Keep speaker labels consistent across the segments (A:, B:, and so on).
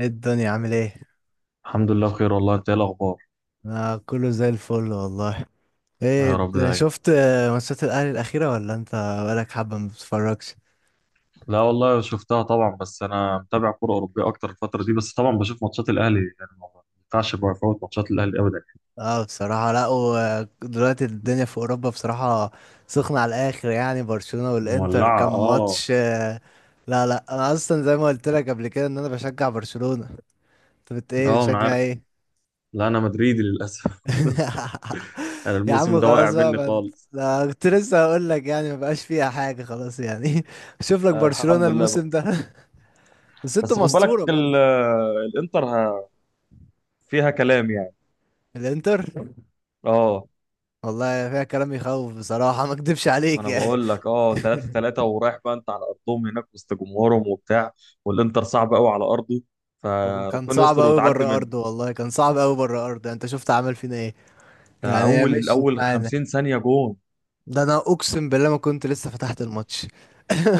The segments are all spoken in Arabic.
A: ايه الدنيا عامل ايه؟
B: الحمد لله بخير والله. انت ايه الاخبار؟
A: انا كله زي الفل والله. ايه
B: يا رب دايما.
A: شفت ماتشات الاهلي الاخيره، ولا انت بقالك حبه ما بتتفرجش؟
B: لا والله شفتها طبعا، بس انا متابع كوره اوروبيه اكتر الفتره دي، بس طبعا بشوف ماتشات الاهلي، يعني ما ينفعش بقى افوت ماتشات الاهلي ابدا.
A: اه بصراحه، لا. ودلوقتي الدنيا في اوروبا بصراحه سخنه على الاخر، يعني برشلونه والانتر
B: مولعه
A: كان
B: اه.
A: ماتش. لا لا، انا اصلا زي ما قلت لك قبل كده ان انا بشجع برشلونه. انت بت ايه،
B: اه انا
A: بتشجع
B: عارف.
A: ايه؟
B: لا انا مدريدي للاسف. انا
A: يا
B: الموسم
A: عم
B: ده واقع
A: خلاص بقى،
B: مني
A: ما
B: خالص.
A: لا كنت لسه هقول لك يعني ما بقاش فيها حاجه خلاص يعني. شوف لك
B: آه
A: برشلونه
B: الحمد لله بقى.
A: الموسم ده. بس انتوا
B: بس خد بالك
A: مستورة برضه.
B: الانتر فيها كلام يعني.
A: الانتر
B: اه
A: والله فيها كلام يخوف بصراحة، ما اكدبش
B: ما
A: عليك
B: انا
A: يعني.
B: بقول لك 3-3 ورايح بقى، انت على ارضهم هناك وسط جمهورهم وبتاع، والانتر صعب قوي على ارضه،
A: وكان
B: فربنا
A: صعب
B: يستر
A: قوي
B: وتعدي
A: بره
B: منه.
A: ارضه، والله كان صعب قوي بره ارضه، يعني انت شفت عمل فينا ايه.
B: ده
A: يعني هي
B: اول
A: مشيت
B: اول
A: معانا.
B: 50 ثانيه جون.
A: ده انا اقسم بالله ما كنت لسه فتحت الماتش.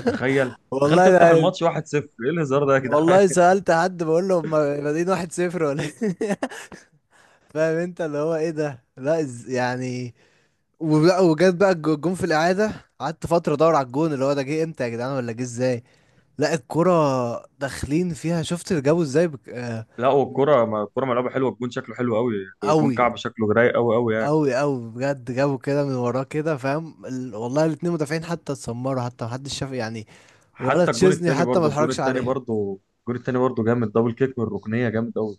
B: تخيل. تخيل
A: والله
B: تفتح
A: ده،
B: الماتش 1-0! ايه الهزار ده يا جدعان؟
A: والله سألت حد بقول له هما بادئين واحد صفر ولا إيه؟ فاهم انت اللي هو ايه ده، لا يعني. وجت بقى الجون في الإعادة. قعدت فترة ادور على الجون، اللي هو ده جه امتى يا جدعان ولا جه ازاي؟ لا الكرة داخلين فيها، شفت اللي جابوا ازاي بك... آه،
B: لا والكره، ما الكره ملعوبه حلوه، الجون شكله حلو قوي. الجون
A: قوي
B: كعب، شكله رايق قوي قوي يعني.
A: قوي قوي، بجد جابوا كده من وراه كده، فاهم والله الاتنين مدافعين حتى اتسمروا، حتى محدش شاف يعني. ولا
B: حتى الجون
A: تشيزني
B: التاني
A: حتى ما
B: برضه، الجون
A: اتحركش
B: التاني
A: عليها.
B: برضه الجون التاني برضه جامد، دبل كيك من الركنيه، جامد قوي.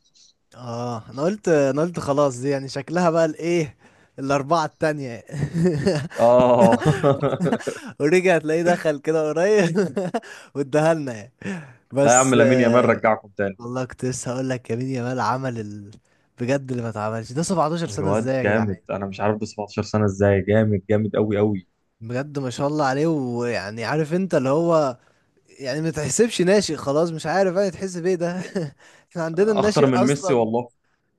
A: اه انا قلت خلاص دي يعني شكلها بقى الايه، الاربعة التانية.
B: اه.
A: ورجع تلاقيه دخل كده قريب. واداها لنا يعني.
B: لا يا عم،
A: بس
B: لامين يامال
A: آه،
B: رجعكم تاني.
A: والله كنت لسه هقول لك يمين يامال عمل بجد اللي ما اتعملش ده 17 سنة
B: الواد
A: ازاي يا
B: جامد،
A: جدعان؟
B: انا مش عارف ده 17 سنه ازاي، جامد جامد قوي قوي،
A: بجد ما شاء الله عليه، ويعني عارف انت اللي هو، يعني ما تحسبش ناشئ خلاص، مش عارف انا تحس بايه ده. احنا عندنا
B: اخطر
A: الناشئ
B: من ميسي
A: اصلا.
B: والله.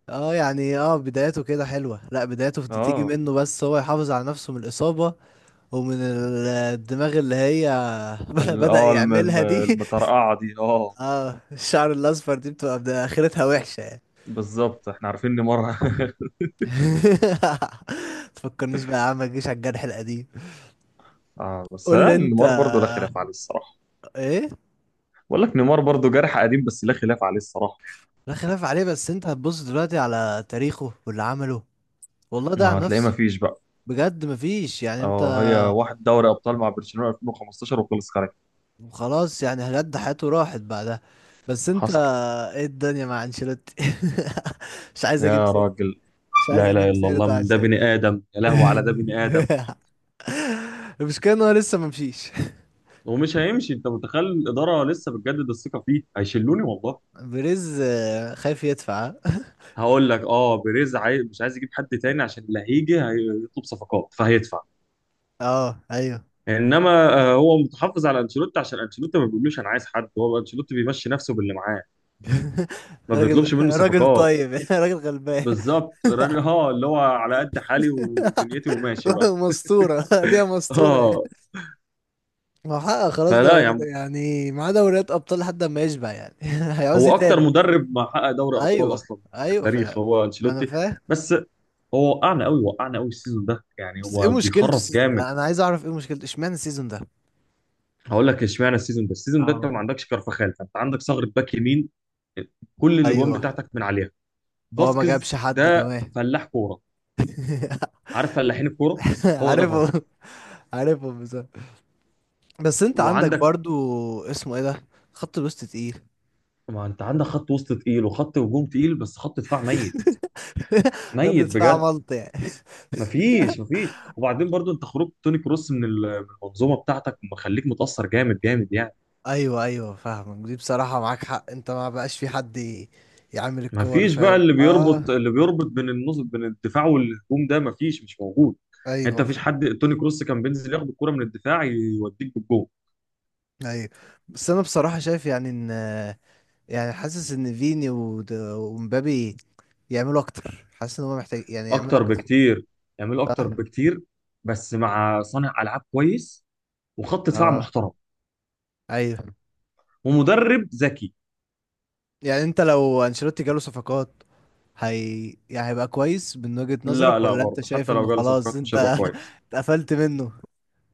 A: اه يعني اه، بدايته كده حلوة، لا بدايته تيجي
B: اه
A: منه، بس هو يحافظ على نفسه من الإصابة ومن الدماغ اللي هي. بدأ يعملها دي.
B: المطرقعه دي اه.
A: اه الشعر الأصفر دي بتبقى آخرتها وحشة يعني.
B: بالظبط، احنا عارفين نيمار.
A: تفكرنيش بقى يا عم، ما تجيش على الجرح القديم.
B: اه بس
A: قول لي
B: لا،
A: انت
B: نيمار برضه لا
A: آه،
B: خلاف عليه الصراحه.
A: ايه.
B: بقول لك نيمار برضه جارح قديم، بس لا خلاف عليه الصراحه.
A: لا خلاف عليه، بس انت هتبص دلوقتي على تاريخه واللي عمله. والله ده عن
B: ما هتلاقيه، ما
A: نفسه،
B: فيش بقى.
A: بجد مفيش يعني انت.
B: اه، هي واحد دوري ابطال مع برشلونه 2015 وخلص خارج.
A: خلاص يعني بجد حياته راحت بعدها. بس انت،
B: حصل.
A: ايه الدنيا مع انشيلوتي؟ مش عايز اجيب
B: يا
A: سيرة،
B: راجل،
A: مش عايز
B: لا اله
A: اجيب
B: الا الله
A: سيرته
B: من ده
A: عشان.
B: بني ادم، يا لهوي على ده بني ادم.
A: المشكلة ان هو لسه ما مشيش.
B: ومش هيمشي، انت متخيل الاداره لسه بتجدد الثقه فيه؟ هيشلوني والله.
A: بريز خايف يدفع.
B: هقول لك، اه بيريز عايز، مش عايز يجيب حد تاني، عشان اللي هيجي هيطلب صفقات فهيدفع.
A: اه ايوه.
B: انما آه، هو متحفظ على انشيلوتي عشان انشيلوتي ما بيقولوش انا عايز حد، هو انشيلوتي بيمشي نفسه باللي معاه، ما
A: راجل
B: بيطلبش منه
A: راجل
B: صفقات.
A: طيب، راجل غلبان.
B: بالظبط، الراجل اه اللي هو على قد حالي ودنيتي وماشي بقى.
A: مسطورة. دي مسطورة.
B: اه.
A: ما هو حقق خلاص،
B: فلا
A: ده
B: يا عم،
A: يعني معاه دوريات ابطال لحد ما يشبع يعني. هيعوز إيه
B: هو اكتر
A: تاني؟
B: مدرب ما حقق دوري ابطال
A: ايوه
B: اصلا في
A: ايوه
B: التاريخ
A: فعلا.
B: هو
A: ما انا
B: انشيلوتي.
A: فاهم.
B: بس هو وقعنا قوي، وقعنا قوي السيزون ده يعني،
A: بس ايه
B: هو
A: مشكلته
B: بيخرف
A: السيزون
B: جامد.
A: ده؟ انا عايز اعرف ايه مشكلته، اشمعنى السيزون ده؟
B: هقول لك اشمعنى السيزون ده، السيزون ده انت
A: اه
B: ما عندكش كارفخال، فانت عندك ثغره باك يمين، كل الاجوان
A: ايوه.
B: بتاعتك من عليها.
A: هو ما
B: فاسكيز
A: جابش حد
B: ده
A: كمان.
B: فلاح كوره، عارف فلاحين الكوره؟ هو ده فاسكيز.
A: عارفه. عارفه بصراحه. بس انت عندك
B: وعندك،
A: برضو، اسمه ايه ده، خط الوسط تقيل.
B: ما انت عندك خط وسط تقيل وخط هجوم تقيل، بس خط دفاع ميت،
A: خط
B: ميت
A: دفاع
B: بجد.
A: ملط يعني.
B: مفيش، وبعدين برضو انت خروج توني كروس من من المنظومه بتاعتك مخليك متاثر جامد جامد يعني.
A: ايوه ايوه فاهمك، دي بصراحه معاك حق، انت ما بقاش في حد يعمل الكور،
B: مفيش بقى
A: فاهم؟
B: اللي
A: اه
B: بيربط اللي بيربط بين النص، بين الدفاع والهجوم، ده مفيش، مش موجود. يعني انت
A: ايوه
B: مفيش حد، توني كروس كان بينزل ياخد الكرة من الدفاع يوديك بالجول.
A: ايوه. بس انا بصراحة شايف يعني ان، يعني حاسس ان فيني ومبابي يعملوا اكتر، حاسس ان هم محتاج يعني يعملوا
B: اكتر
A: اكتر.
B: بكتير، يعمل اكتر
A: صح.
B: بكتير. بس مع صانع العاب كويس، وخط دفاع
A: اه
B: محترم،
A: ايوه.
B: ومدرب ذكي.
A: يعني انت لو انشيلوتي جاله صفقات، هي يعني هيبقى كويس من وجهة
B: لا
A: نظرك،
B: لا،
A: ولا انت
B: برضه
A: شايف
B: حتى
A: انه
B: لو جاله
A: خلاص
B: صفقات مش
A: انت
B: هيبقى كويس.
A: اتقفلت منه؟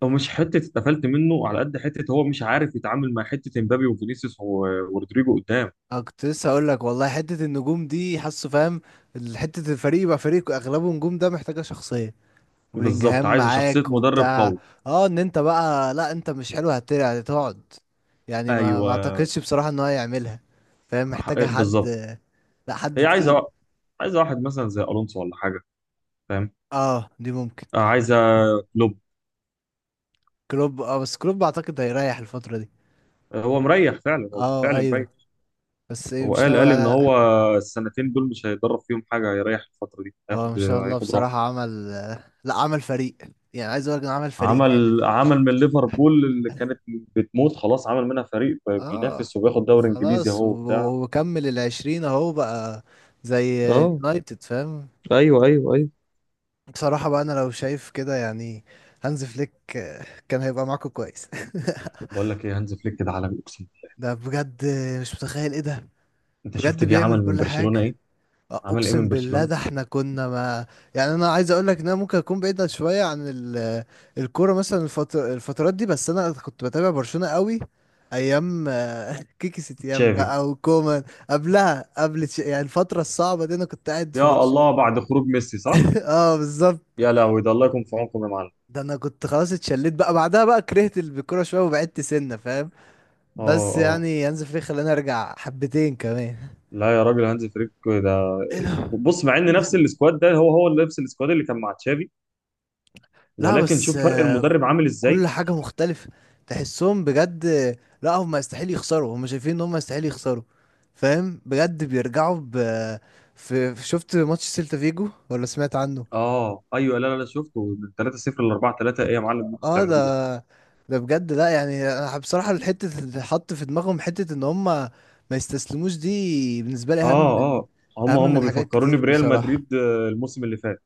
B: هو مش حته اتقفلت منه على قد حته هو مش عارف يتعامل مع حته امبابي وفينيسيوس ورودريجو قدام.
A: انا كنت لسه هقول لك والله، حتة النجوم دي حاسه، فاهم؟ حتة الفريق يبقى فريق اغلبه نجوم، ده محتاجة شخصية.
B: بالظبط،
A: وبلينجهام
B: عايز شخصيه،
A: معاك
B: مدرب
A: وبتاع.
B: قوي.
A: اه ان انت بقى، لا انت مش حلو هترجع هتقعد. يعني ما
B: ايوه.
A: اعتقدش بصراحة ان هو يعملها. فاهم، محتاجة حد،
B: بالظبط.
A: لا حد
B: هي عايزه
A: تقيل.
B: وا- عايزه واحد مثلا زي الونسو ولا حاجه. فاهم.
A: اه دي ممكن.
B: آه، عايزه كلوب.
A: كلوب. اه بس كلوب اعتقد هيريح الفترة دي.
B: هو مريح فعلا، هو
A: اه
B: بالفعل
A: ايوه.
B: مريح.
A: بس إيه،
B: هو
A: مش
B: قال
A: ناوي.
B: قال ان هو السنتين دول مش هيدرب فيهم حاجه، هيريح الفتره دي،
A: هو ما
B: هياخد
A: شاء الله
B: هياخد راحه.
A: بصراحة عمل، لا عمل فريق، يعني عايز اقول لك إنه عمل فريق كامل.
B: عمل من ليفربول اللي كانت بتموت خلاص عمل منها فريق
A: اه
B: بينافس وبياخد دوري انجليزي
A: وخلاص،
B: اهو بتاع.
A: وكمل العشرين اهو بقى. زي
B: اه.
A: اليونايتد، فاهم؟
B: ايوه ايوه ايوه.
A: بصراحة بقى أنا لو شايف كده يعني، هانز فليك كان هيبقى معاكم كويس.
B: بقول لك ايه، هانز فليك ده عالمي اقسم بالله.
A: ده بجد، مش متخيل إيه ده.
B: انت شفت
A: بجد
B: جه عمل
A: بيعمل
B: من
A: كل
B: برشلونه
A: حاجة.
B: ايه؟ عمل ايه
A: أقسم
B: من
A: بالله
B: برشلونه.
A: ده، إحنا كنا ما. يعني أنا عايز أقول لك إن أنا ممكن أكون بعيد شوية عن الكورة مثلا، الفترات دي، بس أنا كنت بتابع برشلونة قوي، أيام كيكي ستيان
B: تشافي.
A: بقى وكومان. قبلها قبل يعني الفترة الصعبة دي أنا كنت قاعد في
B: يا
A: برشلونة.
B: الله، بعد خروج ميسي صح.
A: اه بالظبط.
B: يا لهوي، ده الله يكون في عونكم يا معلم.
A: ده انا كنت خلاص اتشليت بقى، بعدها بقى كرهت الكوره شويه وبعدت سنه، فاهم؟
B: اه
A: بس
B: اه.
A: يعني هانز فليك خلاني ارجع حبتين كمان.
B: لا يا راجل، هانز فليك ده،
A: ايه ده،
B: بص، مع ان
A: ايه
B: نفس
A: ده.
B: السكواد ده، هو نفس السكواد اللي كان مع تشافي،
A: لا
B: ولكن
A: بس
B: شوف فرق المدرب عامل
A: كل
B: ازاي.
A: حاجه مختلفه، تحسهم بجد. لا هم يستحيل يخسروا، هم شايفين ان هم يستحيل يخسروا. فاهم؟ بجد بيرجعوا ب، في شفت ماتش سيلتا فيجو ولا سمعت عنه؟
B: اه ايوه. لا لا لا، شفته من 3-0 ل 4-3، ايه يا معلم اللي انتوا
A: اه ده،
B: بتعملوه ده؟
A: ده بجد لا يعني، انا بصراحه الحته اللي حط في دماغهم حته ان هم ما يستسلموش دي، بالنسبه لي اهم
B: اه.
A: من،
B: اه هم
A: اهم
B: هم
A: من حاجات
B: بيفكروني
A: كتير
B: بريال
A: بصراحه.
B: مدريد آه، الموسم اللي فات.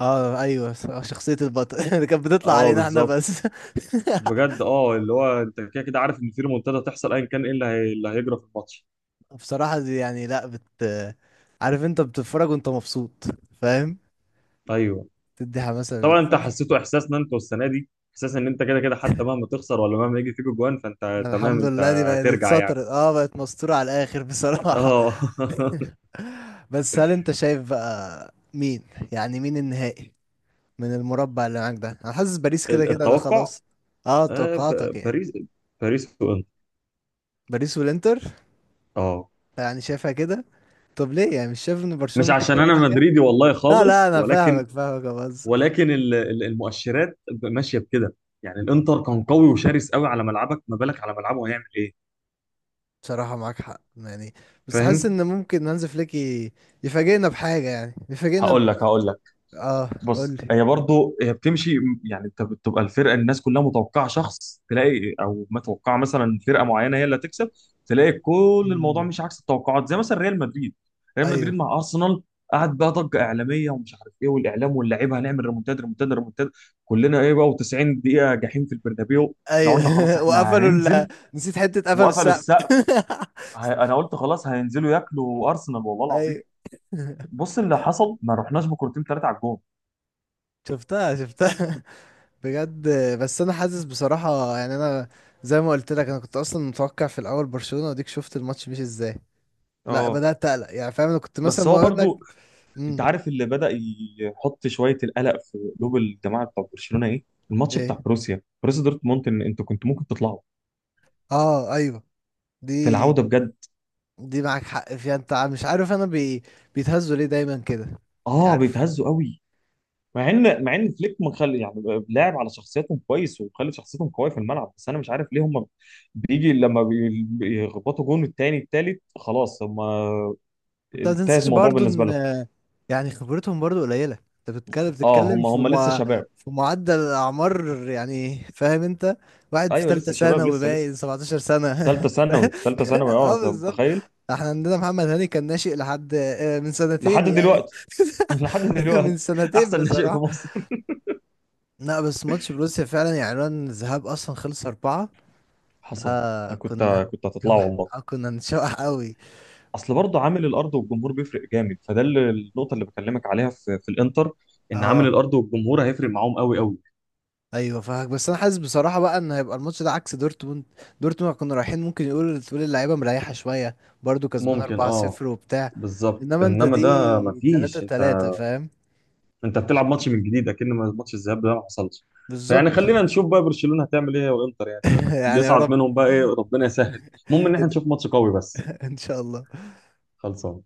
A: اه ايوه، شخصيه البطل اللي كانت بتطلع
B: اه
A: علينا احنا
B: بالظبط.
A: بس.
B: بجد، اه اللي هو انت كده كده عارف ان في ريمونتادا هتحصل ايا كان ايه اللي هيجرى في الماتش.
A: بصراحه دي يعني، لا بت، عارف انت بتتفرج وانت مبسوط، فاهم؟
B: ايوه.
A: تدي حماسه
B: طبعا انت حسيته، احساس ان انت السنه دي، احساس ان انت كده كده حتى مهما تخسر ولا مهما يجي فيك جوان فانت تمام،
A: الحمد
B: انت
A: لله دي بقت
B: هترجع يعني.
A: اتسطرت، اه بقت مستوره على الاخر بصراحه.
B: اه.
A: بس هل انت شايف بقى مين، يعني مين النهائي من المربع اللي معاك ده؟ انا حاسس باريس كده كده ده
B: التوقع،
A: خلاص. اه توقعاتك يعني.
B: باريس، باريس وانتر.
A: باريس والانتر،
B: اه.
A: يعني شايفها كده. طب ليه، يعني مش شايف ان برشلونة
B: مش
A: ممكن
B: عشان
A: تعمل
B: انا
A: حاجة؟
B: مدريدي والله
A: لا لا
B: خالص،
A: انا
B: ولكن،
A: فاهمك، فاهمك يا بهزر.
B: ولكن المؤشرات ماشيه بكده. يعني الانتر كان قوي وشرس قوي على ملعبك، ما بالك على ملعبه هيعمل ايه؟
A: بصراحة معاك حق يعني. بس حاسس
B: فاهم.
A: ان ممكن هانز فليك يفاجئنا بحاجة، يعني يفاجئنا
B: هقول لك.
A: اه. قول
B: بص،
A: لي.
B: هي برضه بتمشي، يعني انت بتبقى الفرقه، الناس كلها متوقعه شخص، تلاقي او متوقعه مثلا فرقه معينه هي اللي هتكسب، تلاقي كل الموضوع
A: مم.
B: مش عكس التوقعات، زي مثلا ريال مدريد. ريال مدريد
A: ايوه
B: مع ارسنال، قعد بقى ضجه اعلاميه ومش عارف ايه، والاعلام واللعيبه، هنعمل ريمونتاد ريمونتاد ريمونتاد، كلنا ايه بقى، و90 دقيقه جحيم في البرنابيو، احنا قلنا خلاص
A: ايوه.
B: احنا
A: وقفلوا
B: هننزل،
A: نسيت حتة، قفلوا
B: وقفلوا
A: السقف.
B: السقف. انا قلت خلاص هينزلوا ياكلوا ارسنال والله
A: ايوه.
B: العظيم. بص اللي حصل، ما رحناش بكرتين ثلاثه على الجون.
A: شفتها شفتها، بجد. بس انا حاسس بصراحة يعني انا، زي ما قلت لك انا كنت اصلا متوقع في الاول برشلونة، وديك شفت الماتش مش ازاي، لا
B: اه
A: بدأت اقلق يعني، فاهم؟ انا كنت مثلا
B: بس هو
A: ما اقول لك.
B: برضو، انت
A: امم
B: عارف اللي بدأ يحط شويه القلق في قلوب الجماعه بتاع برشلونه ايه؟ الماتش
A: ايه.
B: بتاع بروسيا دورتموند، ان انتوا كنتوا ممكن تطلعوا
A: اه ايوه،
B: في
A: دي،
B: العوده بجد.
A: دي معاك حق فيها، انت مش عارف انا بيتهزوا ليه دايما كده؟ يعني
B: اه
A: عارف
B: بيتهزوا قوي. مع ان فليك مخلي يعني لاعب على شخصيتهم كويس، ومخلي شخصيتهم قويه في الملعب، بس انا مش عارف ليه هم بيجي لما بيخبطوا جون التاني التالت خلاص هم،
A: انت، ما
B: انتهى
A: تنساش
B: الموضوع
A: برضو
B: بالنسبه لهم.
A: ان، يعني خبرتهم برضو قليله، انت بتتكلم
B: اه هم
A: في
B: هم لسه شباب.
A: في معدل اعمار، يعني فاهم انت، واحد في
B: ايوه
A: ثالثه
B: لسه شباب،
A: ثانوي
B: لسه لسه.
A: باين 17 سنه.
B: ثالثه ثانوي، ثالثه ثانوي، اه
A: اه
B: انت
A: بالظبط.
B: متخيل.
A: احنا عندنا محمد هاني كان ناشئ لحد من
B: لحد
A: سنتين يعني.
B: دلوقتي. لحد
A: من
B: دلوقتي.
A: سنتين
B: احسن ناشئ في
A: بصراحه.
B: مصر.
A: لا بس ماتش بروسيا فعلا يعني عنوان الذهاب اصلا خلص اربعه.
B: حصل.
A: ده كنا
B: كنت هتطلع
A: نشوح
B: والله.
A: كنا نشوح قوي.
B: اصل برضه عامل الارض والجمهور بيفرق جامد، فده اللي النقطه اللي بكلمك عليها في الانتر، ان عامل
A: اه
B: الارض والجمهور هيفرق معاهم قوي قوي.
A: ايوه فاهمك. بس انا حاسس بصراحه بقى ان هيبقى الماتش ده عكس دورتموند. دورتموند كنا رايحين ممكن يقول تقول اللعيبه مريحه شويه، برضو كسبان
B: ممكن اه.
A: 4-0 وبتاع.
B: بالظبط،
A: انما انت
B: انما ده
A: دي
B: مفيش، انت،
A: 3-3، فاهم؟
B: انت بتلعب ماتش من جديد، اكن ماتش الذهاب ده ما حصلش. فيعني
A: بالظبط.
B: خلينا نشوف بقى برشلونه هتعمل ايه والانتر يعني، اللي
A: يعني يا
B: يصعد
A: رب.
B: منهم بقى ايه، ربنا يسهل. المهم ان احنا نشوف ماتش قوي بس.
A: ان شاء الله.
B: خلصان